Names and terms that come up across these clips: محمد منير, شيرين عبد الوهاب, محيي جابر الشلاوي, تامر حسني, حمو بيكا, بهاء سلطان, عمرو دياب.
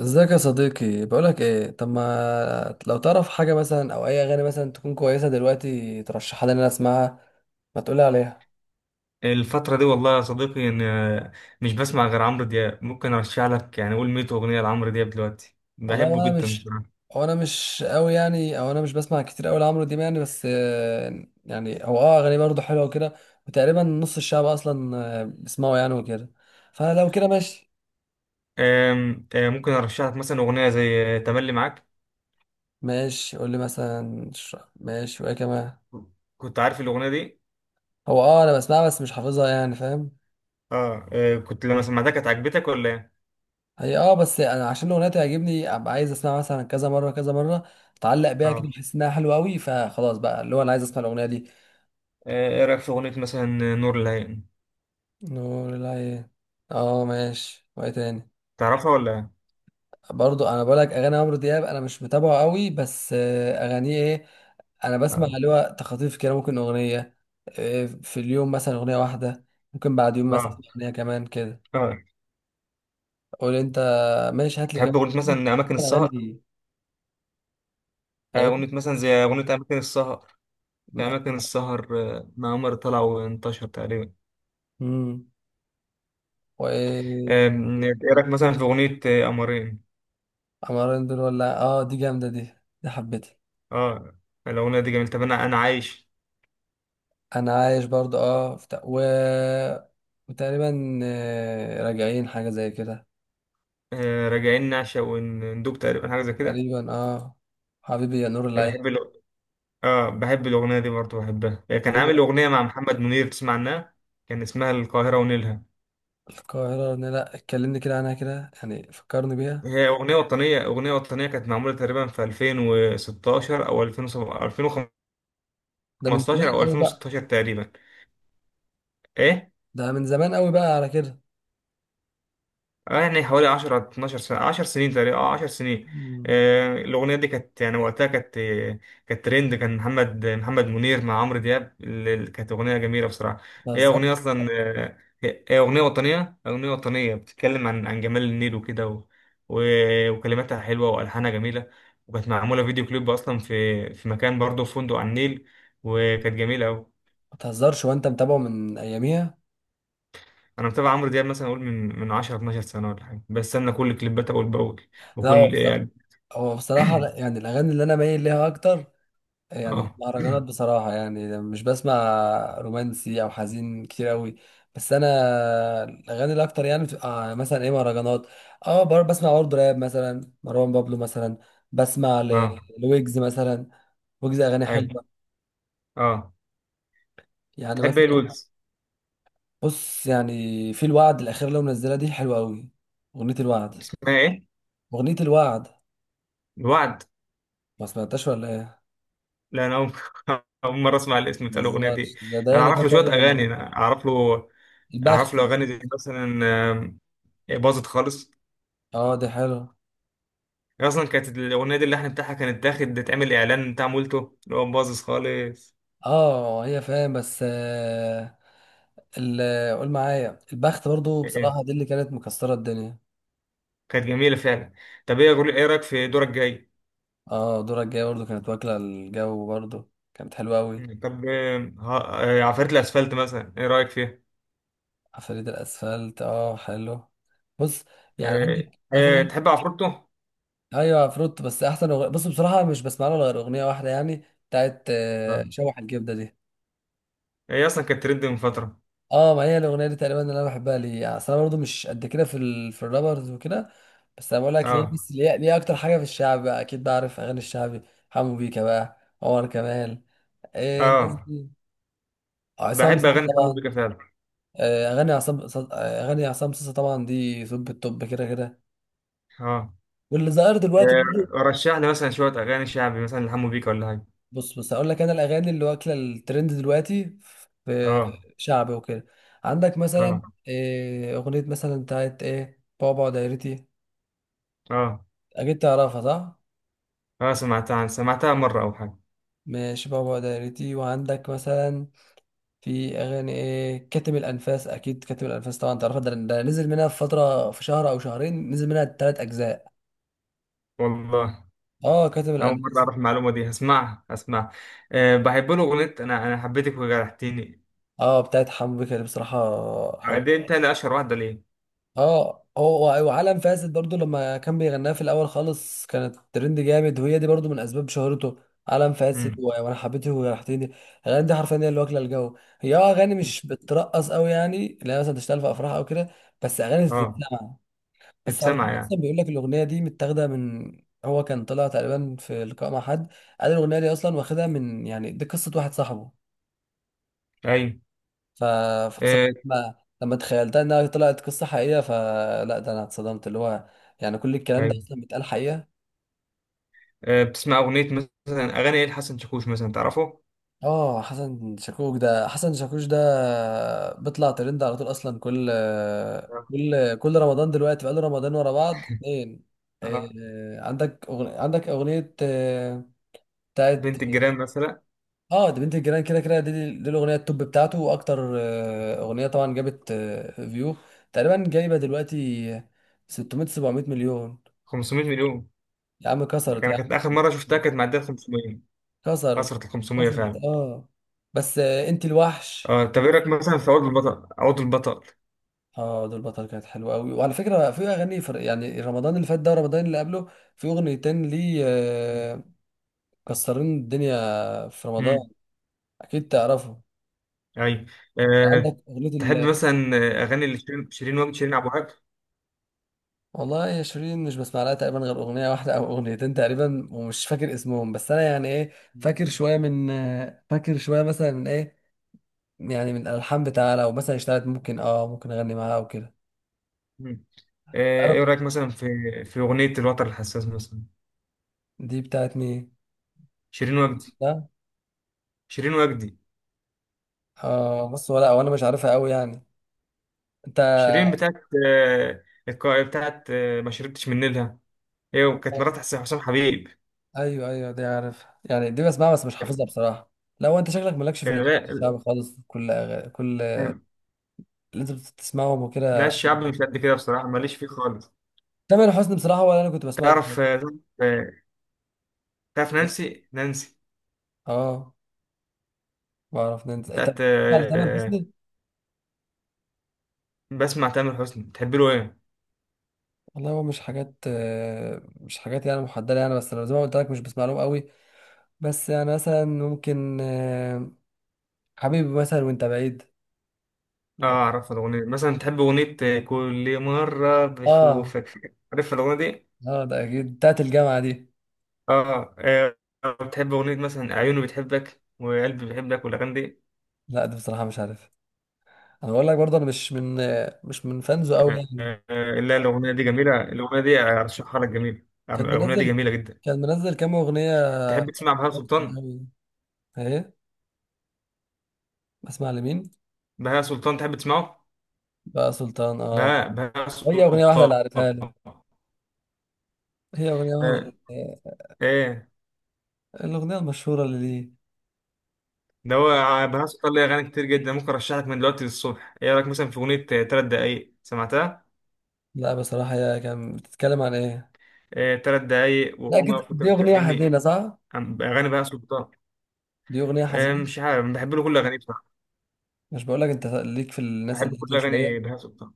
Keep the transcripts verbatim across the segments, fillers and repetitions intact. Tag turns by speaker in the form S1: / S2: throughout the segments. S1: ازيك يا صديقي؟ بقولك ايه، طب ما لو تعرف حاجة مثلا او اي اغاني مثلا تكون كويسة دلوقتي ترشحها لي ان انا اسمعها. ما تقولي عليها.
S2: الفترة دي والله يا صديقي، إن آه، مش بسمع غير عمرو دياب. ممكن أرشح لك يعني قول مية أغنية لعمرو دياب دلوقتي،
S1: والله
S2: بحبه
S1: وانا
S2: جدا
S1: مش،
S2: بصراحة.
S1: هو انا مش قوي يعني، او انا مش بسمع كتير قوي لعمرو دياب يعني. بس آه، يعني هو اه اغاني برضه حلوة وكده. وتقريبا نص الشعب اصلا آه، بيسمعه يعني وكده. فلو كده ماشي.
S2: آم، آه، ممكن أرشح لك مثلا أغنية زي آه، تملي معاك.
S1: ماشي، قول لي مثلا ش- ماشي، وايه كمان؟
S2: كنت عارف الأغنية دي؟
S1: هو اه انا بسمعها بس مش حافظها يعني، فاهم؟
S2: آه، آه، كنت لما سمعتها كانت عجبتك ولا إيه؟
S1: هي اه، بس انا عشان الاغنيه تعجبني ابقى عايز اسمعها مثلا كذا مره كذا مره، اتعلق بيها كده،
S2: آه،
S1: بحس انها حلوه قوي، فخلاص بقى اللي هو انا عايز اسمع الاغنيه دي.
S2: آه، إيه رأيك في أغنية مثلا آه، نور العين؟
S1: نور العين. اه ماشي، وايه تاني؟
S2: تعرفها ولا إيه؟
S1: برضو انا بقولك اغاني عمرو دياب انا مش متابعه قوي، بس آه، اغانيه ايه، انا بسمع
S2: آه.
S1: اللي هو تخاطيف كده، ممكن اغنيه آه، في اليوم مثلا اغنيه واحده، ممكن بعد يوم مثلا
S2: آه.
S1: اغنيه كمان كده.
S2: آه.
S1: قول انت. ماشي، هات لي
S2: تحب
S1: كمان
S2: أغنية مثلا أماكن السهر؟
S1: اغاني
S2: آه،
S1: ايه.
S2: أغنية مثلا زي أغنية أماكن السهر. في أماكن السهر. آه، مع عمر طلع وانتشر تقريبا.
S1: امم، وايه؟
S2: آم، ايه رايك مثلا في اغنيه آه، قمرين؟
S1: عمارين دول ولا إيه؟ اه دي جامدة دي، دي حبيتها.
S2: اه، الاغنيه دي جميله. طب انا انا عايش.
S1: انا عايش برضو اه في تق... و... وتقريبا آه، راجعين حاجة زي كده.
S2: آه، راجعين نعشق وندوب تقريبا حاجه زي كده.
S1: تقريبا اه. حبيبي يا نور
S2: أنا بحب
S1: العين.
S2: الأغ- اه، بحب الاغنيه دي برضه، بحبها. آه، كان
S1: حبيبي.
S2: عامل اغنيه مع محمد منير، تسمع عنها؟ كان اسمها القاهره ونيلها.
S1: القاهرة، لا لا، اتكلمني كده عنها كده، يعني فكرني بيها.
S2: هي اغنيه وطنيه اغنيه وطنيه، كانت معموله تقريبا في ألفين وستاشر او ألفين وسبعة عشر،
S1: ده من زمان
S2: ألفين وخمستاشر او
S1: قوي بقى.
S2: ألفين وستاشر تقريبا. ايه،
S1: ده من زمان قوي بقى على كده.
S2: يعني حوالي عشرة 12 سنة، 10 سنين تقريبا، اه، 10 سنين.
S1: مم.
S2: آه، الأغنية دي كانت يعني وقتها كانت آه، كانت ترند. كان محمد محمد منير مع عمرو دياب. ال- ال- كانت أغنية جميلة بصراحة.
S1: ما
S2: هي أغنية
S1: تهزرش.
S2: أصلا. آه، هي هي أغنية وطنية أغنية وطنية بتتكلم عن عن جمال النيل وكده، و... و... وكلماتها حلوة وألحانها جميلة. وكانت معمولة فيديو كليب أصلا في في مكان، برضه في فندق على النيل. وكانت جميلة أوي.
S1: ما تهزرش وانت متابعه من اياميها.
S2: أنا متابع عمرو دياب مثلا أقول من من عشرة اثنا عشر سنة ولا حاجة، بستنى كل كليباته أول بأول.
S1: لا هو
S2: وكل
S1: بصراحة، هو بصراحة لا، يعني الاغاني اللي انا مايل ليها اكتر، يعني
S2: اه
S1: المهرجانات بصراحة، يعني مش بسمع رومانسي أو حزين كتير أوي. بس أنا الأغاني الأكتر يعني بتبقى مثلا إيه، مهرجانات. أه بر- بسمع برضه راب مثلا، مروان بابلو مثلا، بسمع
S2: اه
S1: ل- لويجز مثلا. ويجز أغاني
S2: اي
S1: حلوة،
S2: اه
S1: يعني
S2: تحب ايه
S1: مثلا.
S2: الويجز؟
S1: بص يعني في الوعد الأخيرة اللي هو منزلها دي حلوة أوي. أغنية الوعد.
S2: اسمها ايه؟
S1: أغنية الوعد.
S2: الوعد.
S1: ما سمعتهاش ولا إيه؟
S2: لا انا اول أول مره اسمع الاسم
S1: ما
S2: بتاع الاغنيه
S1: تهزرش،
S2: دي.
S1: ده ده
S2: انا
S1: اللي
S2: اعرف له
S1: كانت
S2: شويه
S1: واخدة
S2: اغاني، انا اعرف له اعرف
S1: البخت
S2: له اغاني زي
S1: أكيد.
S2: مثلا، آم، باظت خالص.
S1: أه دي حلوة.
S2: هي اصلا كانت الاغنيه دي، اللحن بتاعها كانت داخل تعمل اعلان بتاع مولتو اللي هو باظت خالص.
S1: اه هي، فاهم؟ بس آه، ال- قول معايا البخت برضو
S2: إيه. إيه.
S1: بصراحة، دي اللي كانت مكسرة الدنيا.
S2: كانت جميله فعلا. طب ايه أقول- ايه رايك في دورك جاي؟
S1: اه دورك الجاية برضو كانت واكلة الجو، برضو كانت حلوة أوي.
S2: طب آم، ها- آه، عفاريت الاسفلت مثلا، ايه رايك فيها؟
S1: عفاريت الأسفلت اه حلو. بص، يعني عندك
S2: آه، آه،
S1: مثلا.
S2: تحب عفروتو؟
S1: أيوة عفروت، بس أحسن أغنية بص بصراحة مش بسمع لها غير أغنية واحدة يعني، بتاعت آه،
S2: آه.
S1: شوح الجبدة دي.
S2: هي اصلا كانت ترند من فتره.
S1: اه ما هي الاغنيه دي تقريبا اللي انا بحبها ليه، يعني أصل انا برضه مش قد كده في ال... في الرابرز وكده. بس انا بقول لك ليه،
S2: اه،
S1: بس ليه ليه اكتر حاجه في الشعب بقى، اكيد بعرف اغاني الشعبي. حمو بيكا بقى، عمر كمال، إيه الناس
S2: اه،
S1: دي، آه، عصام
S2: بحب
S1: صاصا
S2: اغاني حمو
S1: طبعا.
S2: بيكا فعلا.
S1: آه، اغاني عصام صاصا- آه، اغاني عصام صاصا طبعا دي توب التوب كده كده.
S2: اه.
S1: واللي ظاهر دلوقتي
S2: آه،
S1: برضه.
S2: رشح لي مثلا شويه اغاني شعبي مثلا لحمو بيكا ولا حاجه؟
S1: بص بص هقول لك انا الاغاني اللي واكله الترند دلوقتي في
S2: اه،
S1: شعبي وكده. عندك مثلا
S2: اه،
S1: إيه، اغنيه مثلا بتاعت ايه، بابا دايرتي.
S2: اه،
S1: اكيد تعرفها صح؟
S2: اه، سمعتها عن- سمعتها مره او حاجه.
S1: ماشي، بابا دايرتي. وعندك مثلا في اغاني ايه، كاتم الانفاس، اكيد كاتم الانفاس طبعا تعرفها، ده, ده نزل منها في فتره، في شهر او شهرين نزل منها ثلاث اجزاء.
S2: والله
S1: اه كاتم
S2: اول مره
S1: الانفاس.
S2: اعرف المعلومه دي، هسمعها، هسمعها. أه، بحب له اغنيه انا انا حبيتك وجرحتيني.
S1: اه بتاعت حمو بيكا دي بصراحه
S2: آه،
S1: حلوه.
S2: دي انت اشهر واحده ليه.
S1: اه هو وعالم فاسد برضو لما كان بيغناها في الاول خالص كانت ترند جامد، وهي دي برضو من اسباب شهرته. عالم فاسد
S2: مم.
S1: و- وانا حبيته وريحتني. الاغاني دي حرفيا هي اللي واكله الجو. هي اه اغاني مش بترقص قوي يعني، لا مثلا تشتغل في افراح او كده، بس اغاني
S2: اه،
S1: تتسمع. بس على
S2: بتسمع
S1: فكره
S2: يعني.
S1: اصلا بيقول لك الاغنيه دي متاخده من، هو كان طلع تقريبا في لقاء مع حد، قال الاغنيه دي اصلا واخدها من، يعني دي قصه واحد صاحبه.
S2: ايوه،
S1: ف... فبصراحة
S2: آه،
S1: لما، لما تخيلتها انها طلعت قصة حقيقية، فلا ده انا اتصدمت اللي هو، يعني كل الكلام ده
S2: ايوه.
S1: اصلا بيتقال حقيقة.
S2: آه، بتسمع اغنيه مثلا، اغاني ايه لحسن شاكوش، مثلا تعرفه؟
S1: اه حسن شاكوش ده، حسن شاكوش ده بيطلع ترند على طول اصلا، كل
S2: آه.
S1: كل كل رمضان دلوقتي بقاله رمضان ورا بعض اتنين.
S2: آه.
S1: آه، عندك أغنية، عندك أغنية آه، بتاعت،
S2: بنت الجيران مثلا،
S1: اه ده بنت الجيران كده كده، دي, دي الأغنية التوب بتاعته وأكتر آه، أغنية طبعا، جابت آه، فيو تقريبا جايبة دلوقتي ستمية سبع مية مليون.
S2: 500 مليون.
S1: يا عم
S2: لكن
S1: كسرت
S2: انا
S1: يا عم.
S2: كانت اخر مره شفتها كانت معديه خمسمئة.
S1: كسرت.
S2: كسرت ال خمسمئة
S1: كسرت
S2: فعلا.
S1: اه. بس آه، انت الوحش.
S2: اه، طب ايه رايك مثلا في عود البطل، عود البطل.
S1: اه دول بطل كانت حلوه قوي. وعلى فكره في اغاني فرق، يعني رمضان اللي فات ده رمضان اللي قبله، في اغنيتين ليه آه، كسرين الدنيا في رمضان،
S2: امم.
S1: اكيد تعرفه.
S2: ايوه. أه،
S1: عندك اغنيه
S2: تحب
S1: ال،
S2: مثلا اغاني اللي شيرين شيرين وجد شيرين عبد الوهاب؟
S1: والله يا شيرين مش بسمع لها تقريبا غير اغنيه واحده او اغنيتين تقريبا، ومش فاكر اسمهم. بس انا يعني ايه، فاكر شويه من آه، فاكر شويه مثلا من ايه، يعني من الالحان بتاعها، لو مثلا اشتغلت ممكن اه ممكن اغني معاها او كده.
S2: مم. آه،
S1: عارف.
S2: ايه رايك مثلا في في اغنيه الوتر الحساس مثلا.
S1: دي بتاعت مين؟
S2: شيرين وجدي.
S1: ده.
S2: شيرين وجدي.
S1: اه بص، ولا وانا مش عارفها قوي يعني. انت.
S2: شيرين بتاعت آه، الك- بتاعت آه، ما شربتش من نيلها، هي وكانت مرات حس- حسام حبيب.
S1: ايوه ايوه دي عارف يعني، دي بسمعها بس مش حافظها بصراحه. لو انت شكلك مالكش في
S2: آه،
S1: الاغاني
S2: لا.
S1: الشعب خالص، كل أغ... كل اللي انت بتسمعهم
S2: لا،
S1: وكده.
S2: الشعب مش قد كده بصراحه، ماليش فيه خالص.
S1: تامر حسني بصراحه، ولا انا كنت بسمعه مش،
S2: تعرف آه، تعرف نانسي نانسي.
S1: اه بعرف ننزل. انت، انت
S2: بتاعت
S1: بتسمع لتامر
S2: آه،
S1: حسني؟
S2: بسمع تامر حسني، بتحب له ايه؟
S1: والله هو مش حاجات آه، مش حاجات يعني محدده يعني، بس انا زي ما قلت لك مش بسمع لهم قوي. بس يعني مثلا ممكن آه، حبيبي مثلا وانت بعيد.
S2: اه، اعرف الاغنيه دي. مثلا تحب اغنيه آه، كل مره
S1: اه.
S2: بشوفك، عارف الاغنيه دي؟
S1: اه ده اكيد بتاعت الجامعه دي.
S2: اه، آه، بتحب اغنيه مثلا عيوني بتحبك وقلبي بيحبك والاغاني دي.
S1: لا دي بصراحه مش عارف. انا بقول لك برضه انا مش من، مش من فانزو قوي
S2: آه،
S1: يعني.
S2: آه، لا، الاغنيه دي جميله، الاغنيه دي ارشحها لك، جميله،
S1: كان
S2: الاغنيه دي
S1: منزل،
S2: جميله جدا.
S1: كان منزل كام اغنيه؟
S2: تحب تسمع بهاء
S1: حزن
S2: سلطان؟
S1: قوي. ايه؟ بسمع لمين؟
S2: بهاء سلطان، تحب تسمعه؟
S1: بقى سلطان اه.
S2: بهاء بهاء
S1: هي اغنيه واحده اللي
S2: سلطان.
S1: عارفها لي، هي اغنيه واحده
S2: آه،
S1: اللي-
S2: ايه.
S1: الاغنيه المشهوره اللي ليه.
S2: ده هو ع- بهاء سلطان ليه أغاني كتير جدا، ممكن أرشح لك من دلوقتي للصبح. إيه رأيك مثلا في أغنية آه، تلات دقايق، سمعتها؟
S1: لا بصراحه، هي كان بتتكلم عن ايه؟
S2: آه، تلات دقايق
S1: لا
S2: وقوم
S1: كده
S2: أقف وأنت
S1: دي اغنيه
S2: بتكلمني.
S1: حزينه صح؟
S2: عن- أغاني بهاء سلطان.
S1: دي اغنيه
S2: آه،
S1: حزينه.
S2: مش عارف، بحب له كل أغانيه بصراحة.
S1: مش بقول لك انت ليك في الناس
S2: بحب
S1: اللي هاديه
S2: كل
S1: شويه.
S2: أغاني بهاء سلطان.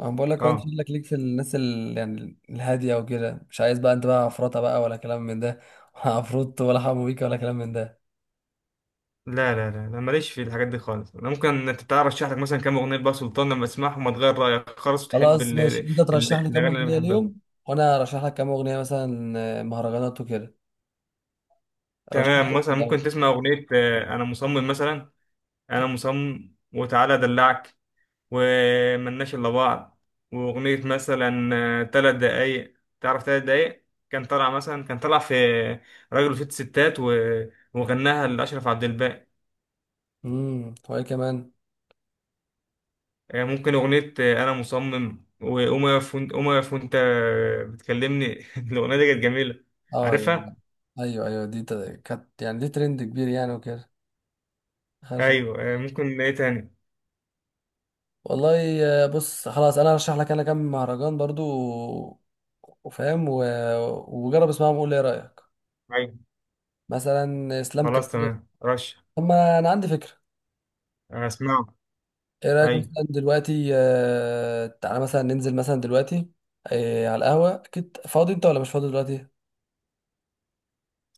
S1: انا بقول لك هو انت
S2: أه.
S1: شكلك ليك في الناس ال... يعني الهاديه وكده، مش عايز بقى، انت بقى عفرطه بقى ولا كلام من ده ولا عفروت ولا حمو بيك ولا كلام من ده.
S2: لا، لا، لا، أنا ماليش في الحاجات دي خالص. أنا ممكن، أنت تعرف، أرشح لك مثلا كام أغنية بهاء سلطان لما تسمعهم هتغير رأيك خالص، وتحب
S1: خلاص
S2: ال-
S1: ماشي،
S2: ال-
S1: انت ترشح لي
S2: الأغاني
S1: كام
S2: اللي أنا
S1: اغنيه اليوم
S2: بحبها.
S1: وانا ارشح لك كام اغنيه مثلا آه، مهرجانات وكده. رشح
S2: تمام،
S1: لك
S2: مثلا
S1: الاول.
S2: ممكن تسمع أغنية آه، أنا مصمم مثلا، أنا مصمم، وتعالى أدلعك، وملناش إلا بعض، وأغنية مثلا آه، تلات دقايق. تعرف تلات دقايق؟ كان طلع مثلا كان طلع في راجل وست ستات، و... وغناها لأشرف عبد الباقي.
S1: امم، وايه كمان؟
S2: آه، ممكن أغنية آه، أنا مصمم، وقوم يقف وأنت قوم يقف وأنت بتكلمني. الأغنية دي كانت جميلة.
S1: اه يعني.
S2: عارفها؟
S1: ايوه ايوه دي ت- كانت يعني دي ترند كبير يعني وكده. خلاص.
S2: أيوه، آه، ممكن إيه تاني؟
S1: والله آه، بص خلاص انا هرشح لك انا كام مهرجان برضو و- وفاهم و... وجرب اسمعهم وقول لي ايه رايك.
S2: أيوه،
S1: مثلا اسلام كان.
S2: خلاص، تمام. رش
S1: طب ما انا عندي فكره،
S2: آه، أسمعه.
S1: ايه رايك
S2: أيوه،
S1: مثلا دلوقتي آه، تعالى مثلا ننزل مثلا دلوقتي آه، على القهوه. اكيد فاضي انت ولا مش فاضي دلوقتي؟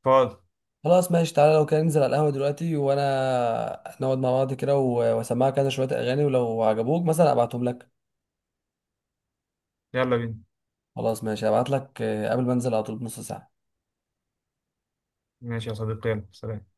S2: فاضي.
S1: خلاص ماشي، تعالى لو كان ننزل على القهوه دلوقتي وانا نقعد مع بعض كده و- واسمعك كذا شويه اغاني، ولو عجبوك مثلا ابعتهم لك.
S2: يلا بينا.
S1: خلاص ماشي، ابعت لك آه، قبل ما انزل على طول بنص ساعه.
S2: ماشي يا صديقي، يلا، سلام.